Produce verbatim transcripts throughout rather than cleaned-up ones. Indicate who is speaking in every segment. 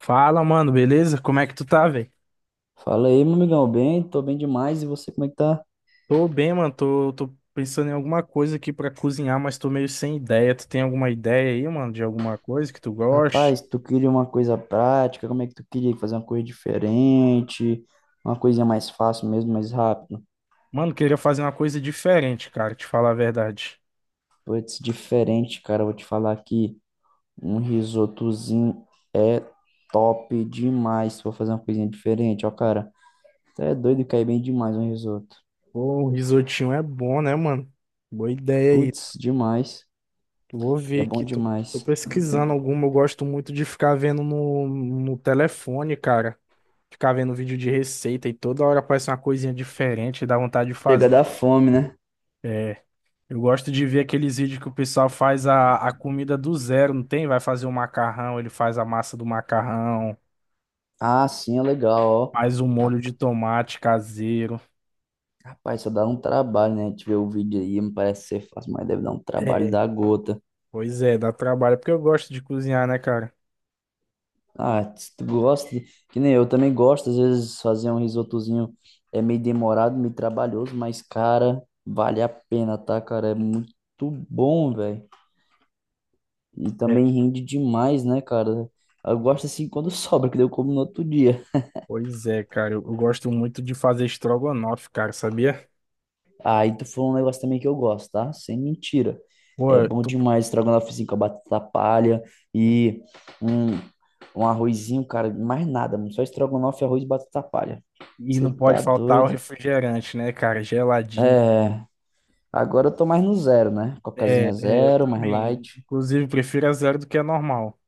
Speaker 1: Fala, mano, beleza? Como é que tu tá, velho?
Speaker 2: Fala aí, meu amigão, bem? Tô bem demais. E você, como é que tá?
Speaker 1: Tô bem, mano. Tô, tô pensando em alguma coisa aqui pra cozinhar, mas tô meio sem ideia. Tu tem alguma ideia aí, mano, de alguma coisa que tu goste?
Speaker 2: Rapaz, tu queria uma coisa prática? Como é que tu queria fazer uma coisa diferente? Uma coisinha mais fácil mesmo, mais rápido?
Speaker 1: Mano, queria fazer uma coisa diferente, cara, te falar a verdade.
Speaker 2: Putz, diferente, cara, eu vou te falar aqui. Um risotozinho é top demais. Se for fazer uma coisinha diferente, ó, cara. Tá é doido, cai bem demais um risoto.
Speaker 1: Pô, um risotinho é bom, né, mano? Boa ideia aí.
Speaker 2: Putz, demais.
Speaker 1: Vou
Speaker 2: É
Speaker 1: ver
Speaker 2: bom
Speaker 1: aqui. Tô, tô
Speaker 2: demais.
Speaker 1: pesquisando alguma. Eu gosto muito de ficar vendo no, no telefone, cara. Ficar vendo vídeo de receita e toda hora aparece uma coisinha diferente, dá vontade de
Speaker 2: Chega
Speaker 1: fazer.
Speaker 2: da fome, né?
Speaker 1: Eu gosto de ver aqueles vídeos que o pessoal faz a, a comida do zero, não tem? Vai fazer um macarrão, ele faz a massa do macarrão,
Speaker 2: Ah, sim, é legal, ó.
Speaker 1: faz um molho de tomate caseiro.
Speaker 2: Vai só dá um trabalho, né? A gente vê o vídeo aí, não parece ser fácil, mas deve dar um trabalho
Speaker 1: É,
Speaker 2: da gota.
Speaker 1: pois é, dá trabalho, porque eu gosto de cozinhar, né, cara?
Speaker 2: Ah, se tu gosta, de- que nem eu também gosto, às vezes fazer um risotozinho é meio demorado, meio trabalhoso, mas, cara, vale a pena, tá, cara? É muito bom, velho. E
Speaker 1: É.
Speaker 2: também rende demais, né, cara? Eu gosto assim quando sobra, que daí eu como no outro dia.
Speaker 1: Pois é, cara, eu, eu gosto muito de fazer estrogonofe, cara, sabia?
Speaker 2: Aí tu falou um negócio também que eu gosto, tá? Sem mentira. É
Speaker 1: Pô,
Speaker 2: bom
Speaker 1: tu-
Speaker 2: demais estrogonofezinho com a batata palha e um, um arrozinho, cara, mais nada, mano. Só estrogonofe, arroz e batata palha.
Speaker 1: e
Speaker 2: Você
Speaker 1: não pode
Speaker 2: tá
Speaker 1: faltar o
Speaker 2: doido?
Speaker 1: refrigerante, né, cara? Geladinho.
Speaker 2: É, agora eu tô mais no zero, né?
Speaker 1: É,
Speaker 2: Cocazinha
Speaker 1: é, eu
Speaker 2: zero, mais
Speaker 1: também.
Speaker 2: light.
Speaker 1: Inclusive, prefiro a zero do que a normal.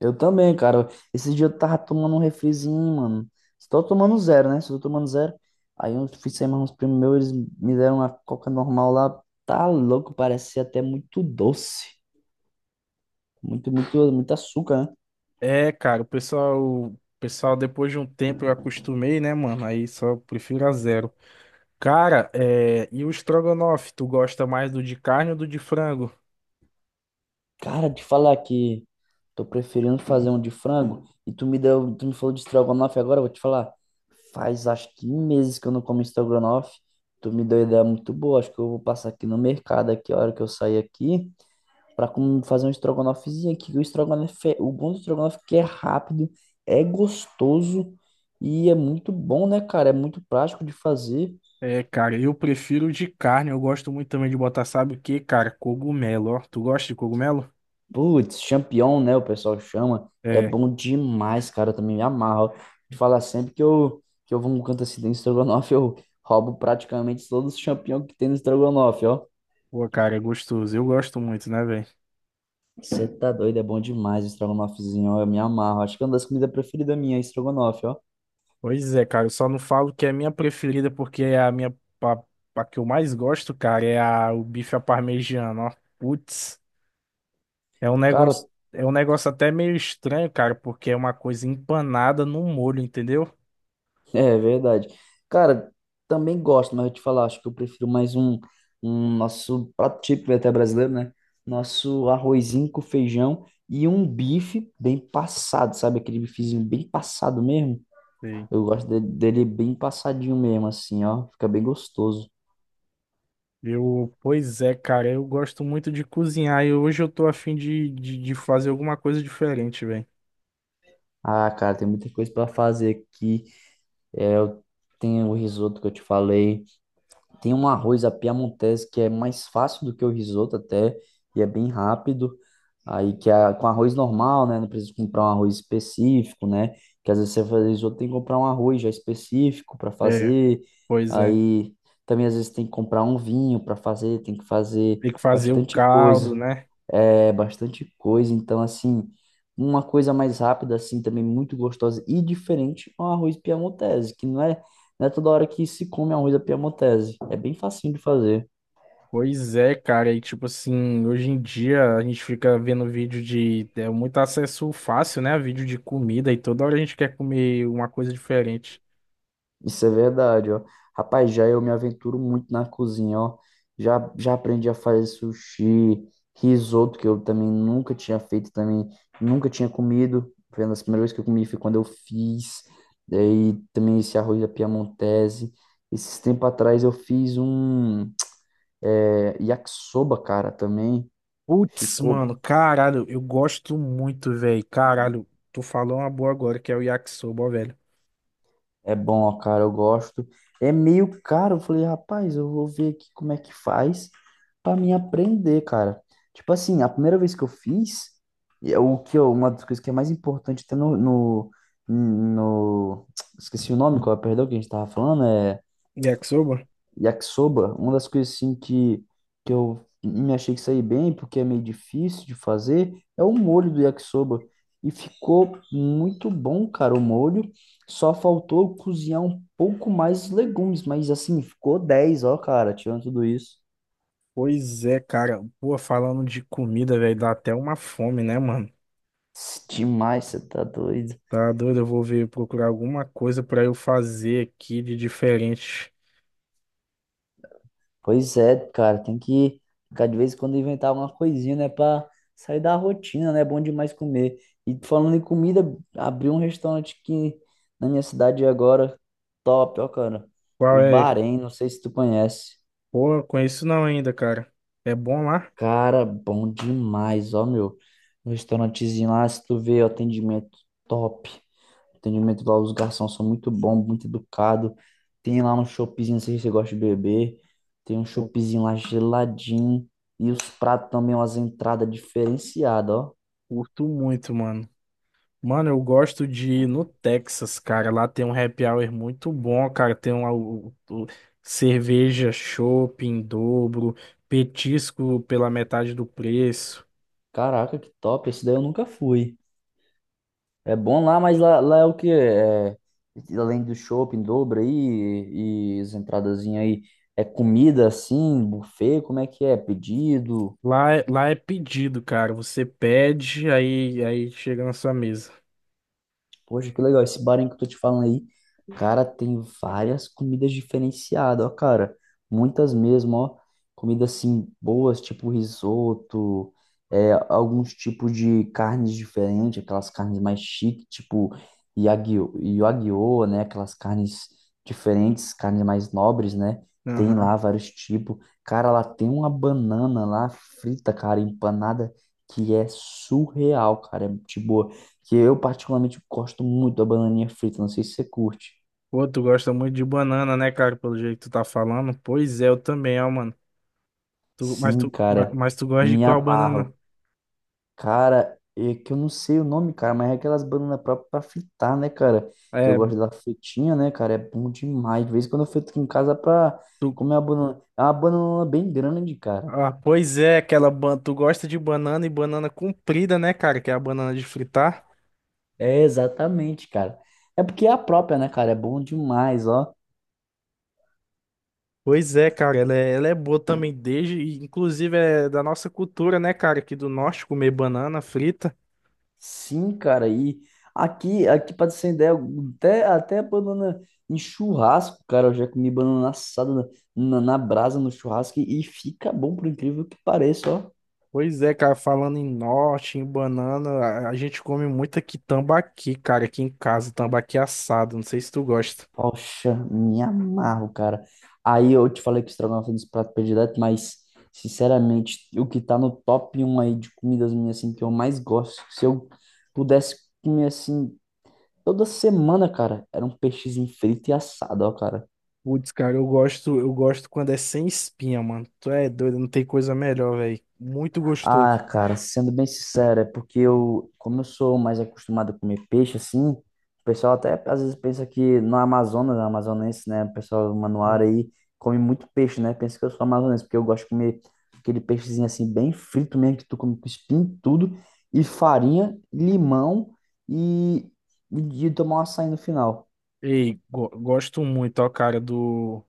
Speaker 2: Eu também, cara. Esse dia eu tava tomando um refrizinho, mano. Estou tomando zero, né? Estou tomando zero. Aí eu fui sair mais uns primos meus, eles me deram uma coca normal lá. Tá louco, parecia até muito doce. Muito, muito, muito açúcar, né?
Speaker 1: É, cara, o pessoal, o pessoal, depois de um tempo eu acostumei, né, mano? Aí só prefiro a zero. Cara, é, e o estrogonofe, tu gosta mais do de carne ou do de frango?
Speaker 2: Cara, te falar que tô preferindo fazer um de frango e tu me deu, tu me falou de estrogonofe agora, eu vou te falar. Faz acho que um meses que eu não como estrogonofe. Tu me deu ideia muito boa, acho que eu vou passar aqui no mercado aqui, a hora que eu sair aqui, pra com- fazer um estrogonofezinho aqui. Que O estrogonofe, é- o bom do estrogonofe é que é rápido, é gostoso e é muito bom, né, cara? É muito prático de fazer.
Speaker 1: É, cara, eu prefiro o de carne, eu gosto muito também de botar, sabe o quê, cara? Cogumelo, ó. Tu gosta de cogumelo?
Speaker 2: Putz, Champion, né? O pessoal chama. É
Speaker 1: É,
Speaker 2: bom demais, cara. Eu também me amarro. De falar sempre que eu, que eu vou num canto assim do estrogonofe, eu roubo praticamente todos os champignons que tem no estrogonofe, ó.
Speaker 1: pô, cara, é gostoso. Eu gosto muito, né, velho?
Speaker 2: Você tá doido, é bom demais o estrogonofezinho, ó. Eu me amarro. Acho que é uma das comidas preferidas minha, estrogonofe, ó.
Speaker 1: Pois é, cara, eu só não falo que é a minha preferida, porque é a minha, a, a que eu mais gosto, cara, é a, o bife à parmegiana, ó. Putz. É um negócio,
Speaker 2: Cara,
Speaker 1: é um negócio até meio estranho, cara, porque é uma coisa empanada no molho, entendeu?
Speaker 2: é verdade. Cara, também gosto, mas eu te falar, acho que eu prefiro mais um, um nosso prato típico até brasileiro, né? Nosso arrozinho com feijão e um bife bem passado, sabe? Aquele bifezinho bem passado mesmo.
Speaker 1: Sei.
Speaker 2: Eu gosto de- dele bem passadinho mesmo, assim, ó. Fica bem gostoso.
Speaker 1: Eu, pois é, cara, eu gosto muito de cozinhar e hoje eu tô afim de, de, de fazer alguma coisa diferente, velho.
Speaker 2: Ah, cara, tem muita coisa pra fazer aqui. Tem o risoto que eu te falei. Tem um arroz à piamontese que é mais fácil do que o risoto até e é bem rápido. Aí que a, com arroz normal, né? Não precisa comprar um arroz específico, né? Que às vezes você faz risoto, tem que comprar um arroz já específico para
Speaker 1: É,
Speaker 2: fazer.
Speaker 1: pois é.
Speaker 2: Aí também às vezes tem que comprar um vinho para fazer, tem que fazer
Speaker 1: Tem que fazer o
Speaker 2: bastante
Speaker 1: caldo,
Speaker 2: coisa.
Speaker 1: né?
Speaker 2: É, bastante coisa. Então, assim, uma coisa mais rápida, assim, também muito gostosa e diferente é um arroz piamontese, que não é, não é toda hora que se come arroz à piamontese. É bem facinho de fazer.
Speaker 1: Pois é, cara. E tipo assim, hoje em dia a gente fica vendo vídeo de. É muito acesso fácil, né? Vídeo de comida e toda hora a gente quer comer uma coisa diferente.
Speaker 2: Isso é verdade, ó. Rapaz, já eu me aventuro muito na cozinha, ó. Já, já aprendi a fazer sushi, risoto, que eu também nunca tinha feito, também nunca tinha comido. Foi uma das primeiras vezes que eu comi, foi quando eu fiz. Daí também esse arroz da Piamontese. Esses tempos atrás eu fiz um é, yakisoba, cara, também.
Speaker 1: Putz,
Speaker 2: Ficou
Speaker 1: mano, caralho, eu gosto muito, velho. Caralho, tu falou uma boa agora, que é o yakisoba, ó, velho.
Speaker 2: É bom, ó, cara, eu gosto. É meio caro. Eu falei, rapaz, eu vou ver aqui como é que faz pra mim aprender, cara. Tipo assim, a primeira vez que eu fiz, e é o que eu- uma das coisas que é mais importante até no, no, no- esqueci o nome, qual é, perdão, que a gente tava falando, é
Speaker 1: Yakisoba?
Speaker 2: Yakisoba, uma das coisas assim que, que eu me achei que saí bem, porque é meio difícil de fazer, é o molho do yakisoba. E ficou muito bom, cara, o molho. Só faltou cozinhar um pouco mais os legumes, mas assim, ficou dez, ó, cara, tirando tudo isso.
Speaker 1: Pois é, cara. Pô, falando de comida, velho, dá até uma fome, né, mano?
Speaker 2: Demais, você tá doido.
Speaker 1: Tá doido? Eu vou ver procurar alguma coisa pra eu fazer aqui de diferente.
Speaker 2: Pois é, cara, tem que ficar de vez em quando inventar alguma coisinha, né, pra sair da rotina, né? É bom demais comer. E falando em comida, abri um restaurante aqui na minha cidade agora, top, ó, cara.
Speaker 1: Qual
Speaker 2: O
Speaker 1: é?
Speaker 2: Bahrein, não sei se tu conhece.
Speaker 1: Pô, eu conheço não ainda, cara. É bom lá?
Speaker 2: Cara, bom demais, ó, meu. Um restaurantezinho lá, se tu vê, o atendimento top. O atendimento lá, os garçons são muito bons, muito educados. Tem lá um choppzinho, não sei se você gosta de beber. Tem um
Speaker 1: Pô,
Speaker 2: choppzinho lá geladinho. E os pratos também, umas entradas diferenciadas, ó.
Speaker 1: curto muito, mano. Mano, eu gosto de ir no Texas, cara. Lá tem um happy hour muito bom, cara. Tem uma, o- o- cerveja chopp em dobro, petisco pela metade do preço.
Speaker 2: Caraca, que top. Esse daí eu nunca fui. É bom lá, mas lá, lá é o quê? É, além do shopping em dobro aí e, e as entradazinhas aí, é comida assim, buffet, como é que é? Pedido?
Speaker 1: Lá, é- lá é pedido, cara. Você pede, aí, aí chega na sua mesa.
Speaker 2: Poxa, que legal. Esse bar aí que eu tô te falando aí, cara, tem várias comidas diferenciadas, ó, cara. Muitas mesmo, ó. Comidas assim boas, tipo risoto, é, alguns tipos de carnes diferentes, aquelas carnes mais chiques, tipo Yagyu, Wagyu, né? Aquelas carnes diferentes, carnes mais nobres, né? Tem
Speaker 1: Aham.
Speaker 2: lá vários tipos. Cara, lá tem uma banana lá frita, cara, empanada, que é surreal, cara. É tipo. Que eu particularmente gosto muito da bananinha frita, não sei se você curte.
Speaker 1: Pô, tu gosta muito de banana, né, cara? Pelo jeito que tu tá falando. Pois é, eu também, ó, mano. Tu, mas,
Speaker 2: Sim,
Speaker 1: tu, ma-
Speaker 2: cara,
Speaker 1: mas tu gosta de
Speaker 2: me
Speaker 1: qual
Speaker 2: amarro.
Speaker 1: banana?
Speaker 2: Cara, é que eu não sei o nome, cara, mas é aquelas bananas próprias pra fritar, né, cara? Que eu
Speaker 1: É.
Speaker 2: gosto da fritinha, né, cara? É bom demais. De vez em quando eu frito aqui em casa pra
Speaker 1: tu,
Speaker 2: comer uma banana. É uma banana bem grande, cara.
Speaker 1: Ah, pois é, aquela banana. Tu gosta de banana e banana comprida, né, cara? Que é a banana de fritar.
Speaker 2: É, exatamente, cara. É porque é a própria, né, cara? É bom demais, ó.
Speaker 1: Pois é, cara, ela é, ela é boa também desde, e inclusive é da nossa cultura, né, cara, aqui do norte comer banana frita.
Speaker 2: Sim, cara, e aqui, aqui para ter ideia, até, até banana em churrasco, cara, eu já comi banana assada na, na, brasa, no churrasco, e, fica bom, por incrível que pareça, ó.
Speaker 1: Pois é, cara, falando em norte, em banana, a, a gente come muito aqui tambaqui, cara, aqui em casa, tambaqui assado, não sei se tu gosta.
Speaker 2: Poxa, me amarro, cara. Aí eu te falei que estrogonofe é um dos pratos prediletos, mas, sinceramente, o que tá no top um aí de comidas minhas, assim, que eu mais gosto, se eu pudesse comer, assim, toda semana, cara, era um peixezinho frito e assado, ó, cara.
Speaker 1: Putz, cara, eu gosto, eu gosto quando é sem espinha, mano. Tu é doido, não tem coisa melhor, velho. Muito gostoso.
Speaker 2: Ah, cara, sendo bem sincero, é porque eu, como eu sou mais acostumado a comer peixe, assim, o pessoal até às vezes pensa que no Amazonas, no amazonense, né, o pessoal manuara aí come muito peixe, né, pensa que eu sou amazonense, porque eu gosto de comer aquele peixezinho assim, bem frito mesmo, que tu come com espinho e tudo, e farinha, limão e, e de tomar um açaí no final.
Speaker 1: Ei, go- gosto muito, ó, cara, do.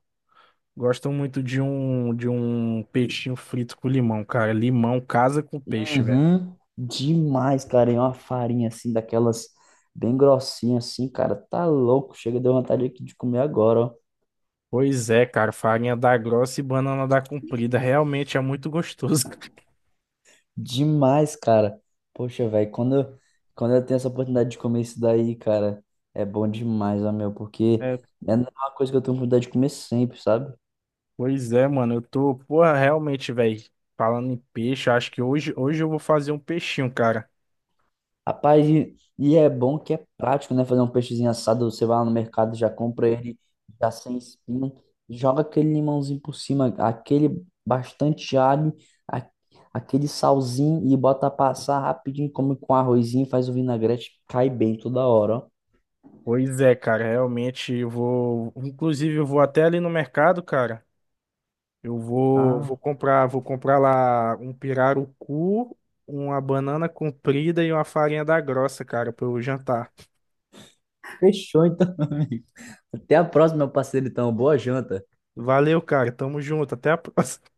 Speaker 1: Gosto muito de um, de um peixinho frito com limão, cara. Limão casa com peixe, velho.
Speaker 2: Uhum, demais, cara, e uma farinha assim, daquelas bem grossinha assim, cara, tá louco, chega, deu vontade aqui de comer agora, ó.
Speaker 1: Pois é, cara, farinha da grossa e banana da comprida. Realmente é muito gostoso, cara.
Speaker 2: Demais, cara. Poxa, velho, quando eu, quando eu tenho essa oportunidade de comer isso daí, cara, é bom demais, ó, meu, porque
Speaker 1: É,
Speaker 2: é uma coisa que eu tenho oportunidade de comer sempre, sabe?
Speaker 1: pois é, mano. Eu tô, porra, realmente, velho. Falando em peixe, eu acho que hoje, hoje eu vou fazer um peixinho, cara.
Speaker 2: Rapaz, e, e é bom que é prático, né? Fazer um peixezinho assado, você vai lá no mercado, já compra ele, já sem espinho, joga aquele limãozinho por cima, aquele bastante alho, a- aquele salzinho e bota passar rapidinho, come com arrozinho, faz o vinagrete, cai bem toda hora, ó.
Speaker 1: Pois é, cara, realmente eu vou. Inclusive, eu vou até ali no mercado, cara. Eu vou, vou
Speaker 2: Ah,
Speaker 1: comprar, vou comprar lá um pirarucu, uma banana comprida e uma farinha da grossa, cara, para eu jantar.
Speaker 2: fechou então. Amigo. Até a próxima, meu parceiro. Então, boa janta.
Speaker 1: Valeu, cara. Tamo junto. Até a próxima.